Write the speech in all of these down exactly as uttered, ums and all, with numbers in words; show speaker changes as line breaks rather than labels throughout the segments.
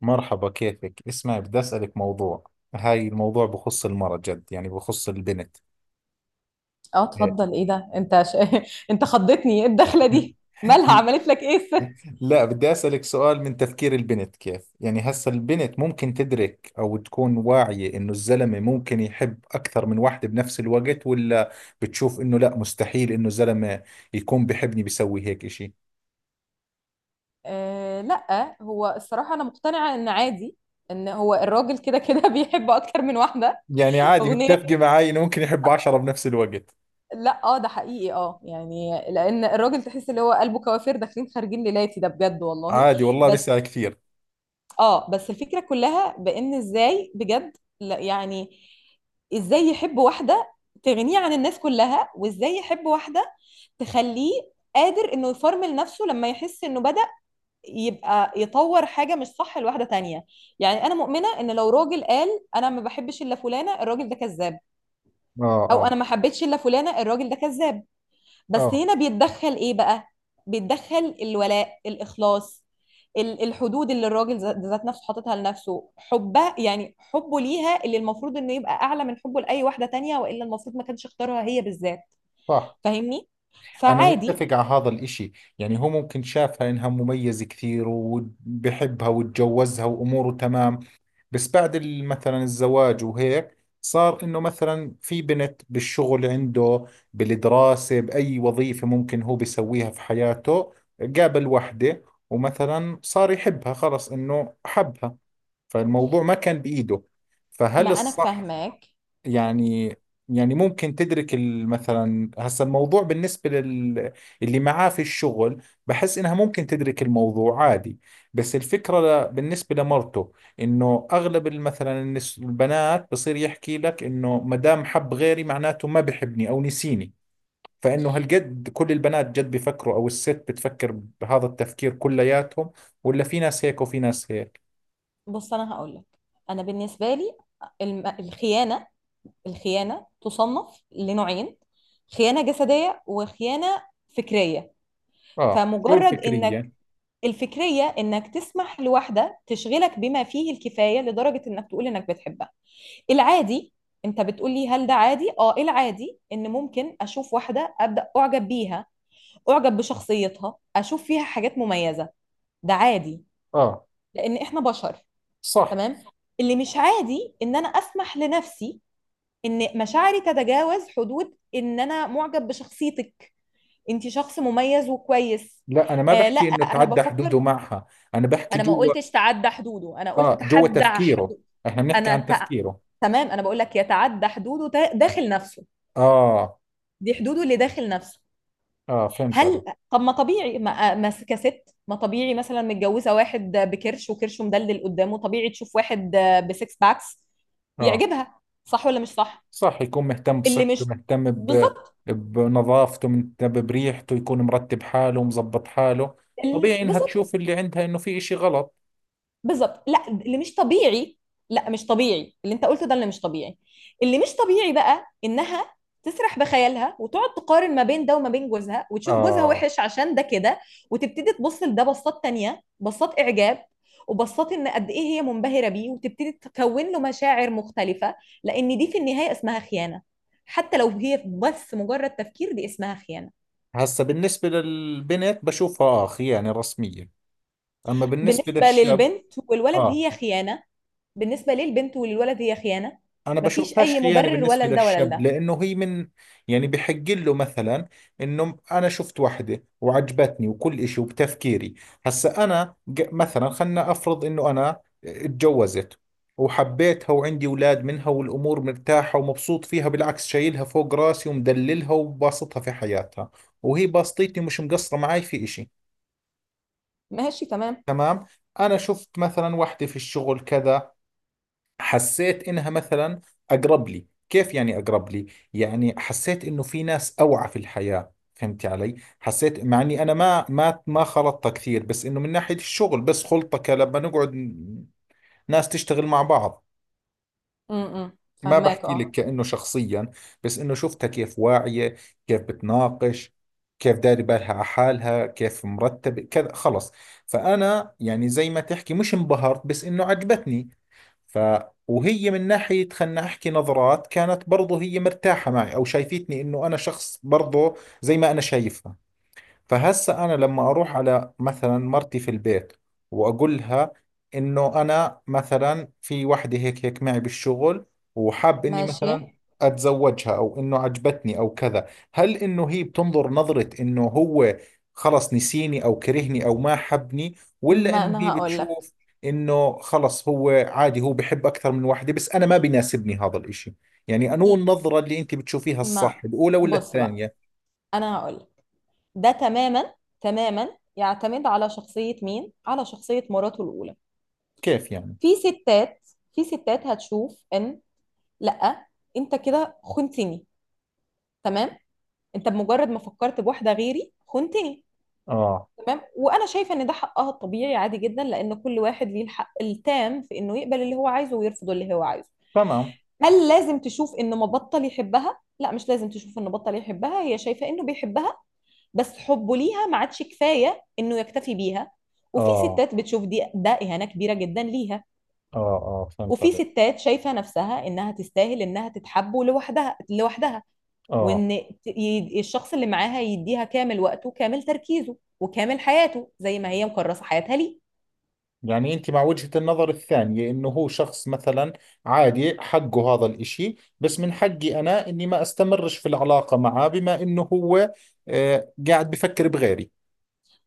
مرحبا، كيفك؟ اسمع، بدي أسألك موضوع. هاي الموضوع بخص المرأة، جد يعني بخص البنت.
اه،
إيه.
اتفضل. ايه ده؟ انت ش... انت خضتني، ايه الدخله دي؟ مالها؟ عملت لك ايه الست؟
لا، بدي أسألك سؤال. من تفكير البنت كيف يعني هسا البنت ممكن تدرك أو تكون واعية إنه الزلمة ممكن يحب أكثر من واحدة بنفس الوقت، ولا بتشوف إنه لا، مستحيل إنه زلمة يكون بحبني بيسوي هيك إشي؟
آه، لا، هو الصراحه انا مقتنعه ان عادي، ان هو الراجل كده كده بيحب اكتر من واحده.
يعني عادي؟
اغنيه.
متفقة معاي إنه ممكن يحب عشرة بنفس الوقت؟
لا، اه، ده حقيقي، اه، يعني لان الراجل تحس اللي هو قلبه كوافير، داخلين خارجين ليلاتي، ده بجد والله.
عادي والله،
بس،
بيسأل كثير.
اه، بس الفكرة كلها بان ازاي؟ بجد لا، يعني ازاي يحب واحدة تغنيه عن الناس كلها؟ وازاي يحب واحدة تخليه قادر انه يفرمل نفسه لما يحس انه بدأ يبقى يطور حاجة مش صح لواحدة تانية؟ يعني انا مؤمنة ان لو راجل قال انا ما بحبش الا فلانة، الراجل ده كذاب.
آه،
او
آه.
انا ما حبيتش الا فلانة، الراجل ده كذاب. بس
آه
هنا بيتدخل ايه بقى؟ بيتدخل الولاء، الاخلاص، ال- الحدود اللي الراجل ذا- ذات نفسه حاططها لنفسه، حبه، يعني حبه ليها، اللي المفروض انه يبقى اعلى من حبه لاي واحده تانية، والا المفروض ما كانش اختارها هي بالذات.
صح.
فاهمني؟
أنا
فعادي.
متفق على هذا الإشي. يعني هو ممكن شافها إنها مميزة كثير وبحبها وتجوزها وأموره تمام، بس بعد ال- مثلا الزواج وهيك، صار إنه مثلا في بنت بالشغل عنده، بالدراسة، بأي وظيفة ممكن هو بيسويها في حياته، قابل وحدة ومثلا صار يحبها، خلص إنه حبها، فالموضوع ما كان بإيده.
ما
فهل
انا
الصح؟
فاهماك.
يعني يعني ممكن تدرك ال- مثلا هسا الموضوع بالنسبة لل اللي معاه في الشغل، بحس انها ممكن تدرك الموضوع عادي. بس الفكرة، ل... بالنسبة لمرته، انه اغلب ال- مثلا، النس... البنات بصير يحكي لك انه ما دام حب غيري معناته ما بحبني او نسيني. فانه هالقد كل البنات جد بيفكروا، او الست بتفكر بهذا التفكير كلياتهم، ولا في ناس هيك وفي ناس هيك؟
بص، انا هقول لك، انا بالنسبه لي، الم- الخيانه، الخيانه تصنف لنوعين: خيانه جسديه، وخيانه فكريه.
اه، شو
فمجرد انك،
الفكرية؟
الفكرية إنك تسمح لواحدة تشغلك بما فيه الكفاية لدرجة إنك تقول إنك بتحبها. العادي، أنت بتقولي هل ده عادي؟ آه، العادي إن ممكن أشوف واحدة أبدأ أعجب بيها، أعجب بشخصيتها، أشوف فيها حاجات مميزة، ده عادي.
اه
لأن إحنا بشر،
صح.
تمام؟ اللي مش عادي إن أنا أسمح لنفسي إن مشاعري تتجاوز حدود إن أنا معجب بشخصيتك، أنت شخص مميز وكويس.
لا انا ما
آه، لا
بحكي انه
انا
تعدى
بفكر.
حدوده معها، انا بحكي
انا ما
جوا.
قلتش تعدى حدوده، انا قلت
اه، جوا
تحدى
تفكيره.
حدوده.
احنا بنحكي
انا
عن
ت...
تفكيره.
تمام، انا بقول لك يتعدى حدوده، تا- داخل نفسه،
اه
دي حدوده اللي داخل نفسه.
اه، فهمت عليك.
هل طب ما طبيعي ما, ما كست ما طبيعي مثلا متجوزه واحد بكرش وكرشه مدلدل قدامه، طبيعي تشوف واحد بسكس باكس
اه
يعجبها، صح ولا مش صح؟
صح، يكون مهتم
اللي
بصحته،
مش،
مهتم ب...
بالظبط.
بنظافته، مهتم بريحته، يكون مرتب حاله ومظبط حاله.
ال-
طبيعي انها
بالظبط.
تشوف اللي عندها انه في اشي غلط.
بالظبط، لا اللي مش طبيعي، لا مش طبيعي اللي انت قلته ده، اللي مش طبيعي، اللي مش طبيعي بقى انها تسرح بخيالها وتقعد تقارن ما بين ده وما بين جوزها، وتشوف جوزها
اه.
وحش عشان ده كده، وتبتدي تبص لده بصات تانية، بصات اعجاب، وبصات ان قد ايه هي منبهرة بيه، وتبتدي تكون له مشاعر مختلفة، لان دي في النهاية اسمها خيانة. حتى لو هي بس مجرد تفكير، دي اسمها خيانة.
هسا بالنسبة للبنت بشوفها اخ يعني رسمية، اما بالنسبة
بالنسبة
للشاب،
للبنت والولد
اه
هي خيانة. بالنسبة للبنت وللولد هي خيانة.
انا
مفيش
بشوفهاش
أي
خيانه
مبرر
بالنسبه
ولا لده ولا
للشاب،
لده.
لانه هي من، يعني بحق له. مثلا انه انا شفت وحده وعجبتني وكل إشي، وبتفكيري. هسا انا ج- مثلا خلنا افرض انه انا اتجوزت وحبيتها وعندي اولاد منها والامور مرتاحه ومبسوط فيها، بالعكس شايلها فوق راسي ومدللها وباسطها في حياتها، وهي باسطتني، مش مقصره معي في إشي.
ماشي، تمام.
تمام. انا شفت مثلا وحده في الشغل كذا، حسيت إنها مثلا أقرب لي. كيف يعني أقرب لي؟ يعني حسيت إنه في ناس أوعى في الحياة، فهمتي علي؟ حسيت مع إني أنا ما ما ما خلطت كثير، بس إنه من ناحية الشغل بس، خلطة ك- لما نقعد ن- ناس تشتغل مع بعض.
امم
ما
فهماك،
بحكي لك
اه.
كأنه شخصيا، بس إنه شفتها كيف واعية، كيف بتناقش، كيف داري بالها على حالها، كيف مرتبة كذا، خلص. فأنا يعني زي ما تحكي، مش انبهرت بس إنه عجبتني. ف، وهي من ناحية، خلنا أحكي، نظرات كانت برضو هي مرتاحة معي، أو شايفتني إنه أنا شخص برضو زي ما أنا شايفها. فهسا انا لما اروح على مثلا مرتي في البيت واقولها انه انا مثلا في وحده هيك هيك معي بالشغل، وحاب اني
ماشي.
مثلا اتزوجها، او انه عجبتني او كذا، هل انه هي بتنظر نظرة انه هو خلص نسيني او كرهني او ما حبني؟ ولا
ما
انه
انا
هي
هقول لك،
بتشوف انه خلص هو عادي، هو بحب اكثر من وحده، بس انا ما بيناسبني هذا الاشي؟ يعني انو النظرة اللي انت بتشوفيها الصح،
ما
الاولى ولا
بص بقى،
الثانية؟
انا هقول لك، ده تماما، تماما يعتمد على شخصية مين، على شخصية مراته الأولى.
كيف يعني؟
في ستات، في ستات هتشوف ان لا، انت كده خنتني، تمام، انت بمجرد ما فكرت بواحدة غيري خنتني.
اه
تمام، وانا شايفه ان ده حقها الطبيعي، عادي جدا، لان كل واحد ليه الحق التام في انه يقبل اللي هو عايزه ويرفض اللي هو عايزه.
تمام.
هل لازم تشوف انه ما بطل يحبها؟ لا، مش لازم تشوف انه بطل يحبها، هي شايفه انه بيحبها، بس حبه ليها ما عادش كفايه انه يكتفي بيها. وفي
اه
ستات بتشوف دي، ده اهانه كبيره جدا ليها.
اه. اه، فهمت
وفي
عليك.
ستات شايفه نفسها انها تستاهل انها تتحب لوحدها، لوحدها،
اه،
وان ت- ي- الشخص اللي معاها يديها كامل وقته وكامل تركيزه وكامل حياته، زي ما هي مكرسه حياتها ليه.
يعني انت مع وجهة النظر الثانية، انه هو شخص مثلا عادي، حقه هذا الاشي، بس من حقي انا اني ما استمرش في العلاقة معه، بما انه هو آه، قاعد بفكر بغيري.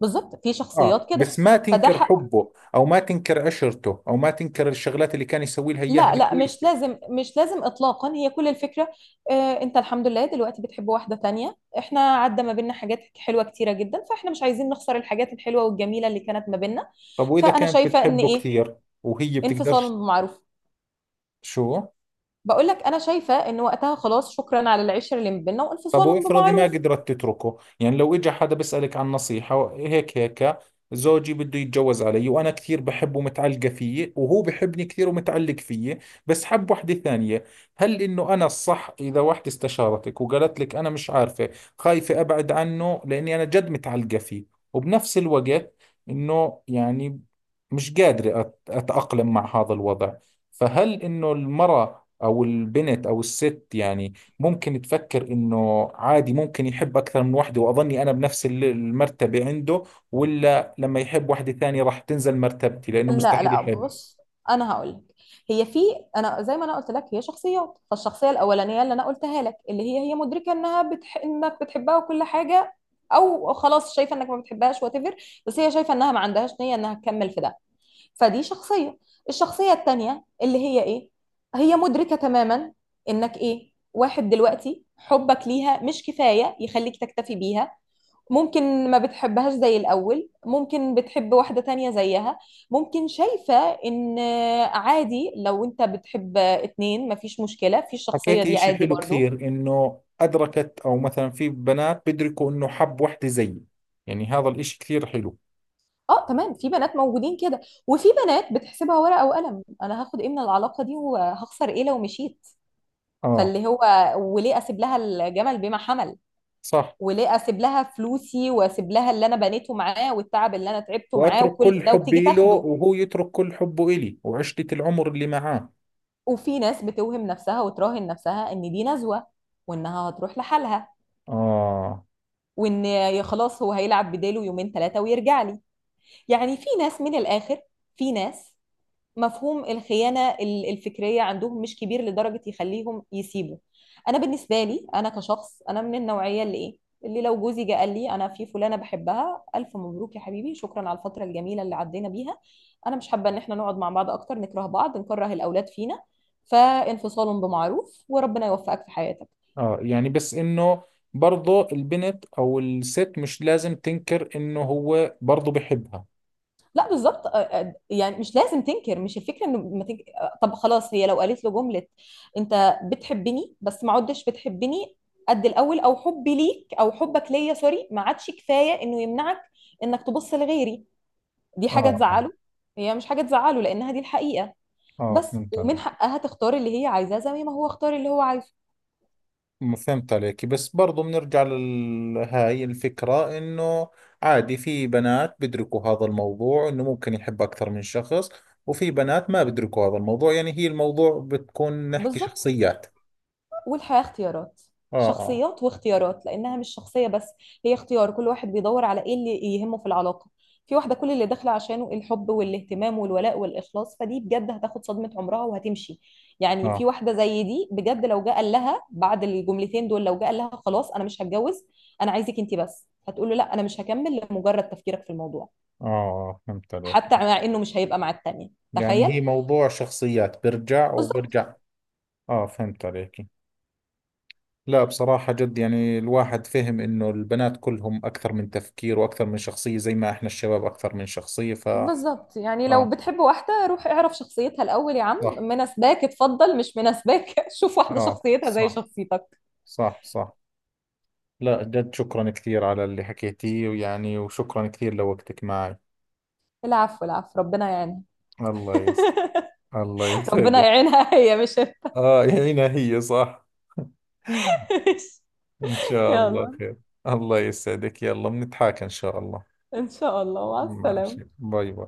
بالظبط، في
اه،
شخصيات كده.
بس ما
فده
تنكر
حق.
حبه، او ما تنكر عشرته، او ما تنكر الشغلات اللي كان يسوي لها اياها
لا لا، مش
الكويسة.
لازم، مش لازم اطلاقا. هي كل الفكره، آه انت الحمد لله دلوقتي بتحب واحده تانية، احنا عدى ما بيننا حاجات حلوه كتيره جدا، فاحنا مش عايزين نخسر الحاجات الحلوه والجميله اللي كانت ما بيننا،
طب واذا
فانا
كانت
شايفه ان
بتحبه
ايه،
كثير، وهي بتقدرش؟
انفصال بمعروف.
شو؟
بقول لك انا شايفه ان وقتها خلاص، شكرا على العشره اللي ما بيننا،
طب
وانفصال
وافرضي ما
بمعروف.
قدرت تتركه، يعني لو اجى حدا بيسألك عن نصيحة، هيك هيك، زوجي بده يتجوز علي، وانا كثير بحبه ومتعلقة فيه، وهو بحبني كثير ومتعلق فيه، بس حب وحدة ثانية. هل انه انا الصح؟ اذا وحدة استشارتك وقالت لك انا مش عارفة، خايفة ابعد عنه لاني انا جد متعلقة فيه، وبنفس الوقت انه يعني مش قادرة أت- اتأقلم مع هذا الوضع. فهل انه المرأة او البنت او الست يعني ممكن تفكر انه عادي ممكن يحب اكثر من واحدة، واظني انا بنفس ال- المرتبة عنده؟ ولا لما يحب واحدة ثانية راح تنزل مرتبتي، لانه
لا
مستحيل
لا،
يحب؟
بص، انا هقول لك، هي في، انا زي ما انا قلت لك هي شخصيات، فالشخصيه الاولانيه اللي انا قلتها لك اللي هي، هي مدركه انها بتح... انك بتحبها وكل حاجه، او خلاص شايفه انك ما بتحبهاش وات ايفر، بس هي شايفه انها ما عندهاش نيه انها تكمل في ده، فدي شخصيه. الشخصيه التانيه اللي هي ايه، هي مدركه تماما انك ايه، واحد دلوقتي حبك ليها مش كفايه يخليك تكتفي بيها، ممكن ما بتحبهاش زي الأول، ممكن بتحب واحدة تانية زيها، ممكن شايفة إن عادي لو أنت بتحب اتنين، مفيش مشكلة. في الشخصية
حكيتي
دي
اشي
عادي
حلو
برضو.
كثير، انه ادركت، او مثلا في بنات بيدركوا انه حب واحدة زيي. يعني هذا الاشي كثير حلو.
اه تمام، في بنات موجودين كده. وفي بنات بتحسبها ورقة وقلم: أنا هاخد إيه من العلاقة دي، وهخسر إيه لو مشيت؟
اه
فاللي هو، وليه أسيب لها؟ الجمل بما حمل.
صح.
وليه أسيب لها فلوسي، وأسيب لها اللي أنا بنيته معاه، والتعب اللي أنا تعبته معاه،
واترك
وكل
كل
ده، وتيجي
حبي له،
تاخده.
وهو يترك كل حبه الي وعشرة العمر اللي معاه.
وفي ناس بتوهم نفسها وتراهن نفسها ان دي نزوة، وانها هتروح لحالها،
اه
وان يا خلاص هو هيلعب بداله يومين ثلاثة ويرجع لي. يعني في ناس من الاخر، في ناس مفهوم الخيانة ال- الفكرية عندهم مش كبير لدرجة يخليهم يسيبوا. أنا بالنسبة لي، أنا كشخص، أنا من النوعية اللي إيه، اللي لو جوزي جه قال لي أنا في فلانة بحبها، ألف مبروك يا حبيبي، شكرا على الفترة الجميلة اللي عدينا بيها، أنا مش حابة إن إحنا نقعد مع بعض أكتر نكره بعض، نكره الأولاد فينا، فانفصال بمعروف، وربنا يوفقك في حياتك.
اه، يعني بس انه برضه البنت او الست مش لازم تنكر انه هو برضه بحبها.
لا بالظبط، آه، آه، يعني مش لازم تنكر، مش الفكره انه ما تنكر. طب خلاص، هي لو قالت له جمله: انت بتحبني بس ما عدتش بتحبني قد الاول، او حبي ليك او حبك ليا سوري ما عادش كفايه انه يمنعك انك تبص لغيري، دي حاجه
اه اه.
تزعله، هي مش حاجه تزعله لانها دي الحقيقه.
آه،
بس
فهمت
ومن
عليك.
حقها تختار اللي هي عايزاه، زي ما هو اختار اللي هو عايزه.
م- فهمت عليك. بس برضه بنرجع لهاي الفكرة، انه عادي، في بنات بيدركوا هذا الموضوع انه ممكن يحب اكثر من شخص، وفي بنات ما بيدركوا هذا الموضوع. يعني هي الموضوع بتكون نحكي
بالظبط،
شخصيات.
والحياة اختيارات.
اه اه.
شخصيات واختيارات، لأنها مش شخصية بس، هي اختيار، كل واحد بيدور على إيه اللي يهمه في العلاقة. في واحدة كل اللي داخلة عشانه الحب والاهتمام والولاء والإخلاص، فدي بجد هتاخد صدمة عمرها وهتمشي. يعني في
اه
واحدة زي دي بجد لو جه قال لها بعد الجملتين دول، لو جه قال لها خلاص أنا مش هتجوز، أنا عايزك أنت بس، هتقول له لا، أنا مش هكمل لمجرد تفكيرك في الموضوع،
اه. آه، فهمت
حتى
عليك.
مع إنه مش هيبقى مع التانية،
يعني
تخيل.
هي موضوع شخصيات، برجع
بالظبط.
وبرجع. اه، فهمت عليك. لا بصراحة جد، يعني الواحد فهم إنه البنات كلهم أكثر من تفكير وأكثر من شخصية، زي ما إحنا الشباب أكثر من شخصية. ف
بالظبط، يعني لو
آه
بتحب واحدة، روح اعرف شخصيتها الأول، يا عم
صح.
مناسباك اتفضل، مش مناسباك شوف واحدة
آه
شخصيتها زي
صح.
شخصيتك.
صح صح. لا جد، شكرا كثير على اللي حكيتيه، ويعني وشكرا كثير لوقتك معي.
العفو، العفو، ربنا يعينها.
الله يس، الله
ربنا
يسعدك.
يعينها هي، مش
آه، هنا هي صح. إن شاء الله
يلا،
خير. الله يسعدك، يلا بنتحاكى إن شاء الله.
إن شاء الله، مع السلامة.
ماشي، باي باي.